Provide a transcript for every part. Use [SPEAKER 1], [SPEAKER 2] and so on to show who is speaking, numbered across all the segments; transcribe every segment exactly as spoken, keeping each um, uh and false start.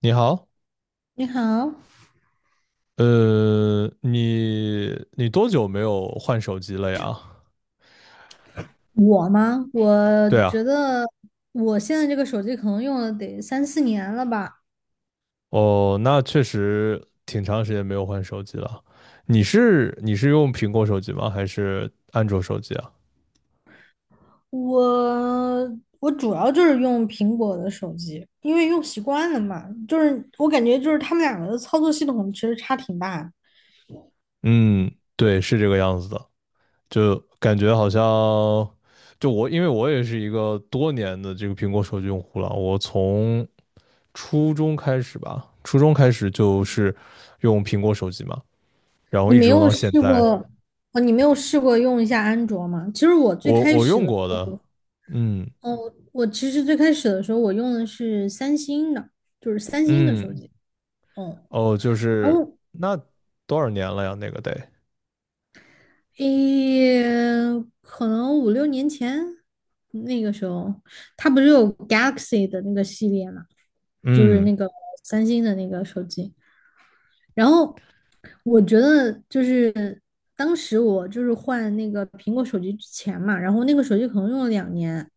[SPEAKER 1] 你好，
[SPEAKER 2] 你好。
[SPEAKER 1] 呃，你你多久没有换手机了呀？
[SPEAKER 2] 我吗？我
[SPEAKER 1] 对
[SPEAKER 2] 觉
[SPEAKER 1] 啊。
[SPEAKER 2] 得我现在这个手机可能用了得三四年了吧。
[SPEAKER 1] 哦，那确实挺长时间没有换手机了。你是你是用苹果手机吗？还是安卓手机啊？
[SPEAKER 2] 我我主要就是用苹果的手机，因为用习惯了嘛。就是我感觉就是他们两个的操作系统其实差挺大的。
[SPEAKER 1] 嗯，对，是这个样子的，就感觉好像，就我，因为我也是一个多年的这个苹果手机用户了，我从初中开始吧，初中开始就是用苹果手机嘛，然后
[SPEAKER 2] 你
[SPEAKER 1] 一
[SPEAKER 2] 没
[SPEAKER 1] 直用
[SPEAKER 2] 有
[SPEAKER 1] 到现
[SPEAKER 2] 试过
[SPEAKER 1] 在。
[SPEAKER 2] 哦？你没有试过用一下安卓吗？其实我最
[SPEAKER 1] 我
[SPEAKER 2] 开
[SPEAKER 1] 我
[SPEAKER 2] 始
[SPEAKER 1] 用
[SPEAKER 2] 的时
[SPEAKER 1] 过的。
[SPEAKER 2] 候，
[SPEAKER 1] 嗯
[SPEAKER 2] 哦，我其实最开始的时候我用的是三星的，就是三星的手
[SPEAKER 1] 嗯。
[SPEAKER 2] 机。嗯。
[SPEAKER 1] 哦，就
[SPEAKER 2] 然
[SPEAKER 1] 是
[SPEAKER 2] 后
[SPEAKER 1] 那多少年了呀？那个得，
[SPEAKER 2] 诶，可能五六年前那个时候，它不是有 Galaxy 的那个系列嘛，就是
[SPEAKER 1] 嗯，
[SPEAKER 2] 那个三星的那个手机。然后我觉得就是当时我就是换那个苹果手机之前嘛，然后那个手机可能用了两年，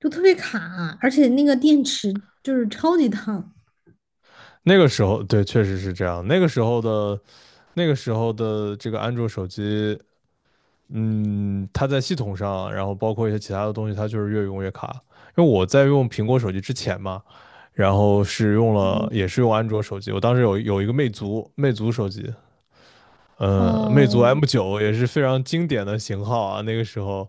[SPEAKER 2] 就特别卡，而且那个电池就是超级烫。
[SPEAKER 1] 那个时候对，确实是这样。那个时候的那个时候的这个安卓手机，嗯，它在系统上，然后包括一些其他的东西，它就是越用越卡。因为我在用苹果手机之前嘛，然后是用了也
[SPEAKER 2] 嗯。
[SPEAKER 1] 是用安卓手机，我当时有有一个魅族魅族手机，呃，魅族
[SPEAKER 2] 哦。
[SPEAKER 1] M 九也是非常经典的型号啊，那个时候，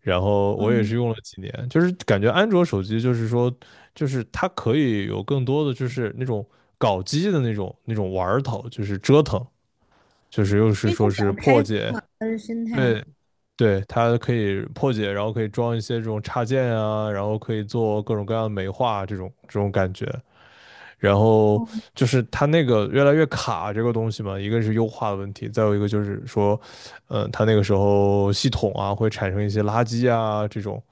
[SPEAKER 1] 然后我也是
[SPEAKER 2] 嗯。
[SPEAKER 1] 用了几年，就是感觉安卓手机就是说，就是它可以有更多的就是那种搞机的那种那种玩儿头，就是折腾，就是又是
[SPEAKER 2] 因为
[SPEAKER 1] 说
[SPEAKER 2] 它比
[SPEAKER 1] 是
[SPEAKER 2] 较开
[SPEAKER 1] 破
[SPEAKER 2] 发
[SPEAKER 1] 解。
[SPEAKER 2] 的生态。
[SPEAKER 1] 对对，它可以破解，然后可以装一些这种插件啊，然后可以做各种各样的美化这种这种感觉，然后
[SPEAKER 2] 嗯。
[SPEAKER 1] 就是它那个越来越卡这个东西嘛，一个是优化的问题，再有一个就是说，嗯，它那个时候系统啊会产生一些垃圾啊这种，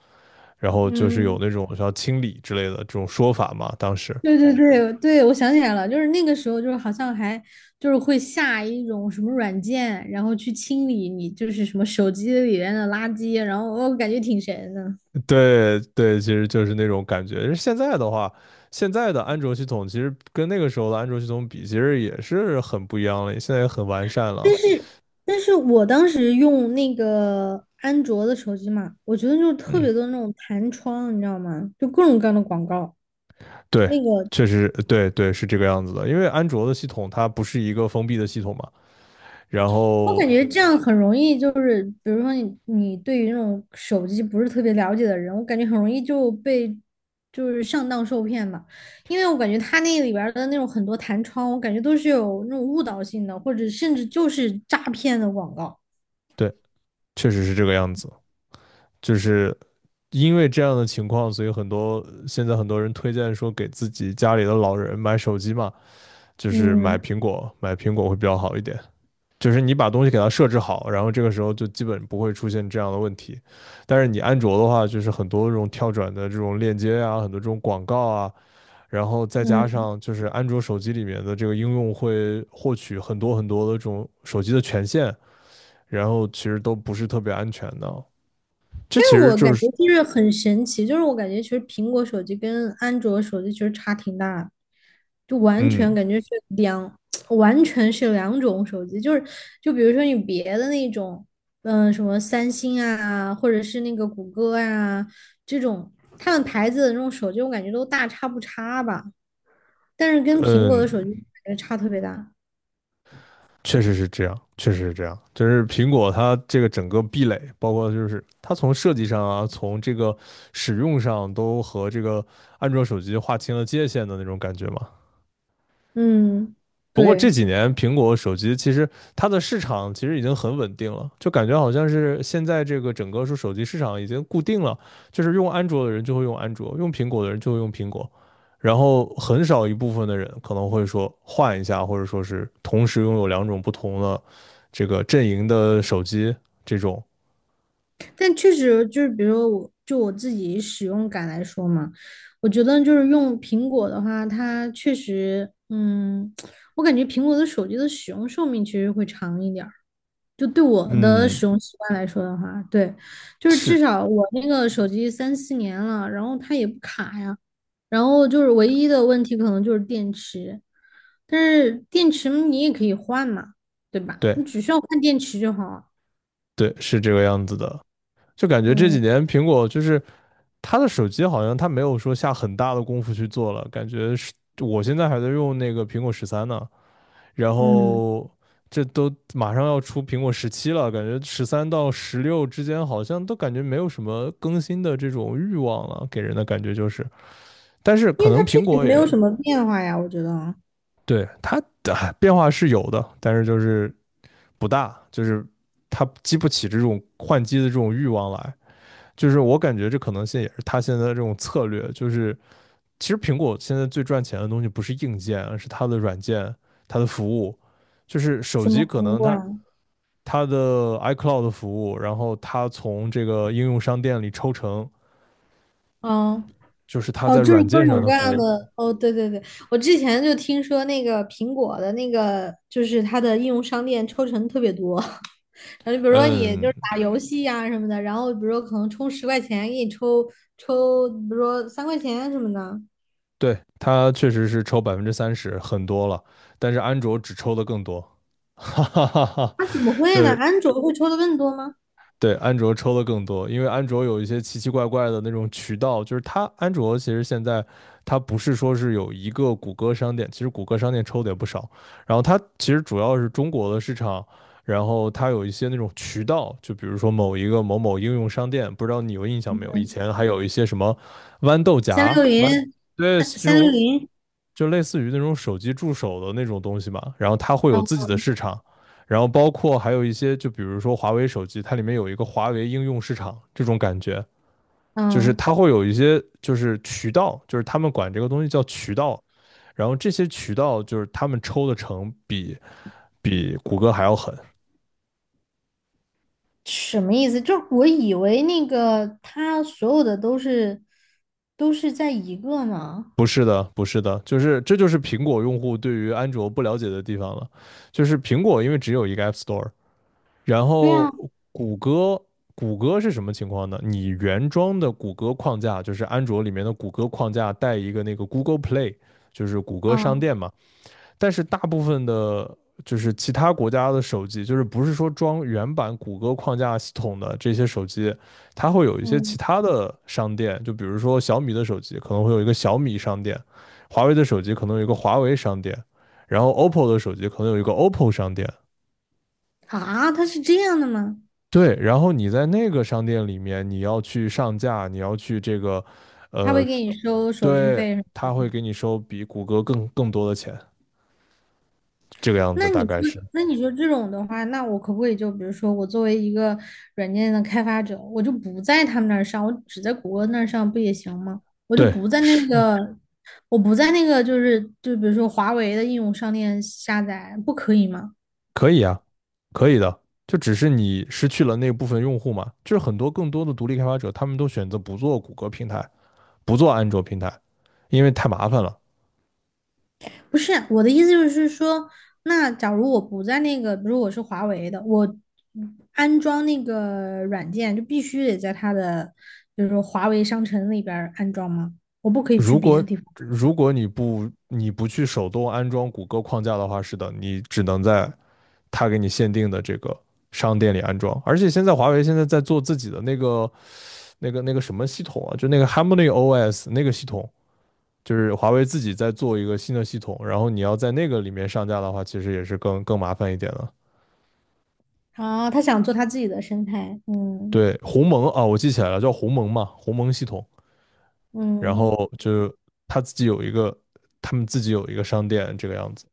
[SPEAKER 1] 然后就是有
[SPEAKER 2] 嗯。
[SPEAKER 1] 那种需要清理之类的这种说法嘛，当时。
[SPEAKER 2] 对对对对，我想起来了，就是那个时候，就是好像还就是会下一种什么软件，然后去清理你就是什么手机里面的垃圾，然后我感觉挺神的。
[SPEAKER 1] 对对，其实就是那种感觉。现在的话，现在的安卓系统其实跟那个时候的安卓系统比，其实也是很不一样了，现在也很完善了。
[SPEAKER 2] 但是，但是我当时用那个安卓的手机嘛，我觉得就是特
[SPEAKER 1] 嗯，
[SPEAKER 2] 别多那种弹窗，你知道吗？就各种各样的广告。
[SPEAKER 1] 对，
[SPEAKER 2] 那个
[SPEAKER 1] 确实，对对是这个样子的。因为安卓的系统它不是一个封闭的系统嘛，然
[SPEAKER 2] 我感
[SPEAKER 1] 后
[SPEAKER 2] 觉这样很容易，就是比如说你你对于那种手机不是特别了解的人，我感觉很容易就被就是上当受骗吧，因为我感觉他那里边儿的那种很多弹窗，我感觉都是有那种误导性的，或者甚至就是诈骗的广告。
[SPEAKER 1] 对，确实是这个样子，就是因为这样的情况，所以很多现在很多人推荐说给自己家里的老人买手机嘛，就是买
[SPEAKER 2] 嗯。
[SPEAKER 1] 苹果，买苹果会比较好一点。就是你把东西给它设置好，然后这个时候就基本不会出现这样的问题。但是你安卓的话，就是很多这种跳转的这种链接啊，很多这种广告啊，然后再加
[SPEAKER 2] 嗯。
[SPEAKER 1] 上就是安卓手机里面的这个应用会获取很多很多的这种手机的权限，然后其实都不是特别安全的。这
[SPEAKER 2] 但
[SPEAKER 1] 其
[SPEAKER 2] 是
[SPEAKER 1] 实
[SPEAKER 2] 我感
[SPEAKER 1] 就
[SPEAKER 2] 觉
[SPEAKER 1] 是，
[SPEAKER 2] 就是很神奇，就是我感觉其实苹果手机跟安卓手机其实差挺大的，就完全
[SPEAKER 1] 嗯
[SPEAKER 2] 感觉是两，完全是两种手机。就是就比如说你别的那种，嗯、什么三星啊，或者是那个谷歌啊这种，他们牌子的那种手机，我感觉都大差不差吧。但是跟苹果
[SPEAKER 1] 嗯，
[SPEAKER 2] 的手机感觉差特别大。
[SPEAKER 1] 确实是这样，确实是这样。就是苹果它这个整个壁垒，包括就是它从设计上啊，从这个使用上都和这个安卓手机划清了界限的那种感觉嘛。
[SPEAKER 2] 嗯。
[SPEAKER 1] 不过
[SPEAKER 2] 对。
[SPEAKER 1] 这几年苹果手机其实它的市场其实已经很稳定了，就感觉好像是现在这个整个说手机市场已经固定了，就是用安卓的人就会用安卓，用苹果的人就会用苹果，然后很少一部分的人可能会说换一下，或者说是同时拥有两种不同的这个阵营的手机这种。
[SPEAKER 2] 但确实就是，比如说我就我自己使用感来说嘛，我觉得就是用苹果的话，它确实，嗯，我感觉苹果的手机的使用寿命其实会长一点儿。就对我的使
[SPEAKER 1] 嗯，
[SPEAKER 2] 用习惯来说的话，对。就是至
[SPEAKER 1] 是
[SPEAKER 2] 少我那个手机三四年了，然后它也不卡呀，然后就是唯一的问题可能就是电池。但是电池你也可以换嘛，对吧？你
[SPEAKER 1] 对
[SPEAKER 2] 只需要换电池就好。
[SPEAKER 1] 对是这个样子的，就感觉这几
[SPEAKER 2] 嗯。
[SPEAKER 1] 年苹果就是它的手机好像它没有说下很大的功夫去做了，感觉是我现在还在用那个苹果十三呢，然
[SPEAKER 2] 嗯。
[SPEAKER 1] 后这都马上要出苹果十七了，感觉十三到十六之间好像都感觉没有什么更新的这种欲望了，给人的感觉就是，但是
[SPEAKER 2] 因
[SPEAKER 1] 可
[SPEAKER 2] 为它
[SPEAKER 1] 能
[SPEAKER 2] 确
[SPEAKER 1] 苹
[SPEAKER 2] 实
[SPEAKER 1] 果
[SPEAKER 2] 没有
[SPEAKER 1] 也
[SPEAKER 2] 什么变化呀，我觉得啊。
[SPEAKER 1] 对它的变化是有的，但是就是不大，就是它激不起这种换机的这种欲望来。就是我感觉这可能性也是他现在的这种策略，就是其实苹果现在最赚钱的东西不是硬件，而是它的软件、它的服务。就是手
[SPEAKER 2] 什
[SPEAKER 1] 机
[SPEAKER 2] 么
[SPEAKER 1] 可
[SPEAKER 2] 服
[SPEAKER 1] 能
[SPEAKER 2] 务啊？
[SPEAKER 1] 它它的 iCloud 服务，然后它从这个应用商店里抽成，
[SPEAKER 2] 嗯。
[SPEAKER 1] 就是它
[SPEAKER 2] 哦，
[SPEAKER 1] 在
[SPEAKER 2] 就是
[SPEAKER 1] 软
[SPEAKER 2] 各
[SPEAKER 1] 件
[SPEAKER 2] 种
[SPEAKER 1] 上
[SPEAKER 2] 嗯
[SPEAKER 1] 的
[SPEAKER 2] 各
[SPEAKER 1] 服
[SPEAKER 2] 样
[SPEAKER 1] 务。
[SPEAKER 2] 的，哦，对对对，我之前就听说那个苹果的那个，就是它的应用商店抽成特别多，然后就比如说你就
[SPEAKER 1] 嗯，
[SPEAKER 2] 是打游戏呀、什么的，然后比如说可能充十块钱给你抽抽，比如说三块钱什么的。
[SPEAKER 1] 对，它确实是抽百分之三十，很多了，但是安卓只抽的更多。哈哈哈哈。
[SPEAKER 2] 那、怎么
[SPEAKER 1] 就
[SPEAKER 2] 会呢？
[SPEAKER 1] 是
[SPEAKER 2] 安卓会抽的更多吗？
[SPEAKER 1] 对，安卓抽的更多，因为安卓有一些奇奇怪怪的那种渠道，就是它安卓其实现在它不是说是有一个谷歌商店，其实谷歌商店抽的也不少，然后它其实主要是中国的市场，然后它有一些那种渠道，就比如说某一个某某应用商店，不知道你有印象没有？以前还有一些什么豌豆荚、
[SPEAKER 2] 三六
[SPEAKER 1] 豌，
[SPEAKER 2] 零。
[SPEAKER 1] 对，
[SPEAKER 2] 三
[SPEAKER 1] 这
[SPEAKER 2] 三六
[SPEAKER 1] 种
[SPEAKER 2] 零，
[SPEAKER 1] 就类似于那种手机助手的那种东西嘛，然后它会有自
[SPEAKER 2] 嗯。
[SPEAKER 1] 己的市场，然后包括还有一些，就比如说华为手机，它里面有一个华为应用市场这种感觉，就是
[SPEAKER 2] 嗯。
[SPEAKER 1] 它会有一些就是渠道，就是他们管这个东西叫渠道，然后这些渠道就是他们抽的成比比谷歌还要狠。
[SPEAKER 2] 什么意思？就是我以为那个他所有的都是都是在一个呢。
[SPEAKER 1] 不是的，不是的，就是这就是苹果用户对于安卓不了解的地方了，就是苹果因为只有一个 App Store，然
[SPEAKER 2] 对
[SPEAKER 1] 后
[SPEAKER 2] 啊。
[SPEAKER 1] 谷歌，谷歌是什么情况呢？你原装的谷歌框架就是安卓里面的谷歌框架带一个那个 Google Play，就是谷歌商
[SPEAKER 2] 嗯。
[SPEAKER 1] 店嘛。但是大部分的，就是其他国家的手机，就是不是说装原版谷歌框架系统的这些手机，它会有一些其
[SPEAKER 2] 嗯。
[SPEAKER 1] 他的商店，就比如说小米的手机可能会有一个小米商店，华为的手机可能有一个华为商店，然后 O P P O 的手机可能有一个 O P P O 商店。
[SPEAKER 2] 啊，他是这样的吗？
[SPEAKER 1] 对，然后你在那个商店里面，你要去上架，你要去这个，
[SPEAKER 2] 他
[SPEAKER 1] 呃，
[SPEAKER 2] 会给你收手续
[SPEAKER 1] 对，
[SPEAKER 2] 费是吗？
[SPEAKER 1] 他会给你收比谷歌更更多的钱，这个样
[SPEAKER 2] 那
[SPEAKER 1] 子大
[SPEAKER 2] 你说，
[SPEAKER 1] 概是，
[SPEAKER 2] 那你说这种的话，那我可不可以就比如说，我作为一个软件的开发者，我就不在他们那儿上，我只在谷歌那儿上不也行吗？我就
[SPEAKER 1] 对，
[SPEAKER 2] 不在那
[SPEAKER 1] 是
[SPEAKER 2] 个，我不在那个，就是就比如说华为的应用商店下载，不可以吗？
[SPEAKER 1] 可以啊，可以的，就只是你失去了那部分用户嘛，就是很多更多的独立开发者，他们都选择不做谷歌平台，不做安卓平台，因为太麻烦了。
[SPEAKER 2] 不是我的意思就是说，那假如我不在那个，比如我是华为的，我安装那个软件就必须得在它的，就是说华为商城里边儿安装吗？我不可以去
[SPEAKER 1] 如
[SPEAKER 2] 别的
[SPEAKER 1] 果
[SPEAKER 2] 地方。
[SPEAKER 1] 如果你不你不去手动安装谷歌框架的话，是的，你只能在它给你限定的这个商店里安装。而且现在华为现在在做自己的那个那个那个什么系统啊，就那个 Harmony O S 那个系统，就是华为自己在做一个新的系统，然后你要在那个里面上架的话，其实也是更更麻烦一点的。
[SPEAKER 2] 啊？他想做他自己的生态。嗯。
[SPEAKER 1] 对，鸿蒙啊，我记起来了，叫鸿蒙嘛，鸿蒙系统。然
[SPEAKER 2] 嗯。
[SPEAKER 1] 后就是他自己有一个，他们自己有一个商店这个样子。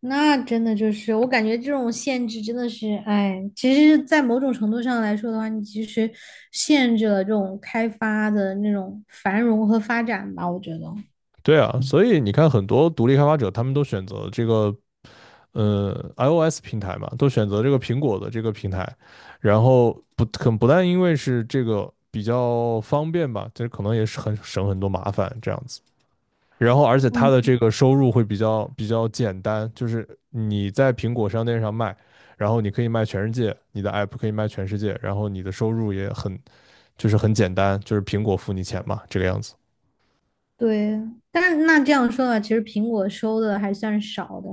[SPEAKER 2] 那真的就是我感觉这种限制真的是，哎，其实，在某种程度上来说的话，你其实限制了这种开发的那种繁荣和发展吧，我觉得。
[SPEAKER 1] 对啊，所以你看，很多独立开发者他们都选择这个呃 iOS 平台嘛，都选择这个苹果的这个平台，然后不很不但因为是这个比较方便吧，这可能也是很省很多麻烦这样子。然后，而且它
[SPEAKER 2] 嗯。
[SPEAKER 1] 的这个收入会比较比较简单，就是你在苹果商店上卖，然后你可以卖全世界，你的 app 可以卖全世界，然后你的收入也很就是很简单，就是苹果付你钱嘛，这个样子。
[SPEAKER 2] 对。但是那这样说的话，其实苹果收的还算少的。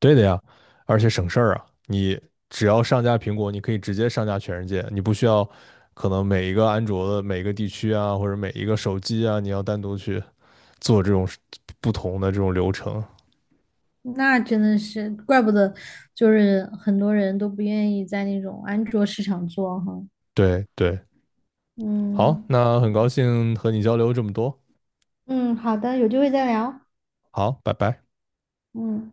[SPEAKER 1] 对的呀，而且省事儿啊！你只要上架苹果，你可以直接上架全世界，你不需要可能每一个安卓的每一个地区啊，或者每一个手机啊，你要单独去做这种不同的这种流程。
[SPEAKER 2] 那真的是怪不得，就是很多人都不愿意在那种安卓市场做哈。
[SPEAKER 1] 对对，好，
[SPEAKER 2] 嗯。
[SPEAKER 1] 那很高兴和你交流这么多，
[SPEAKER 2] 嗯，好的，有机会再聊。
[SPEAKER 1] 好，拜拜。
[SPEAKER 2] 嗯。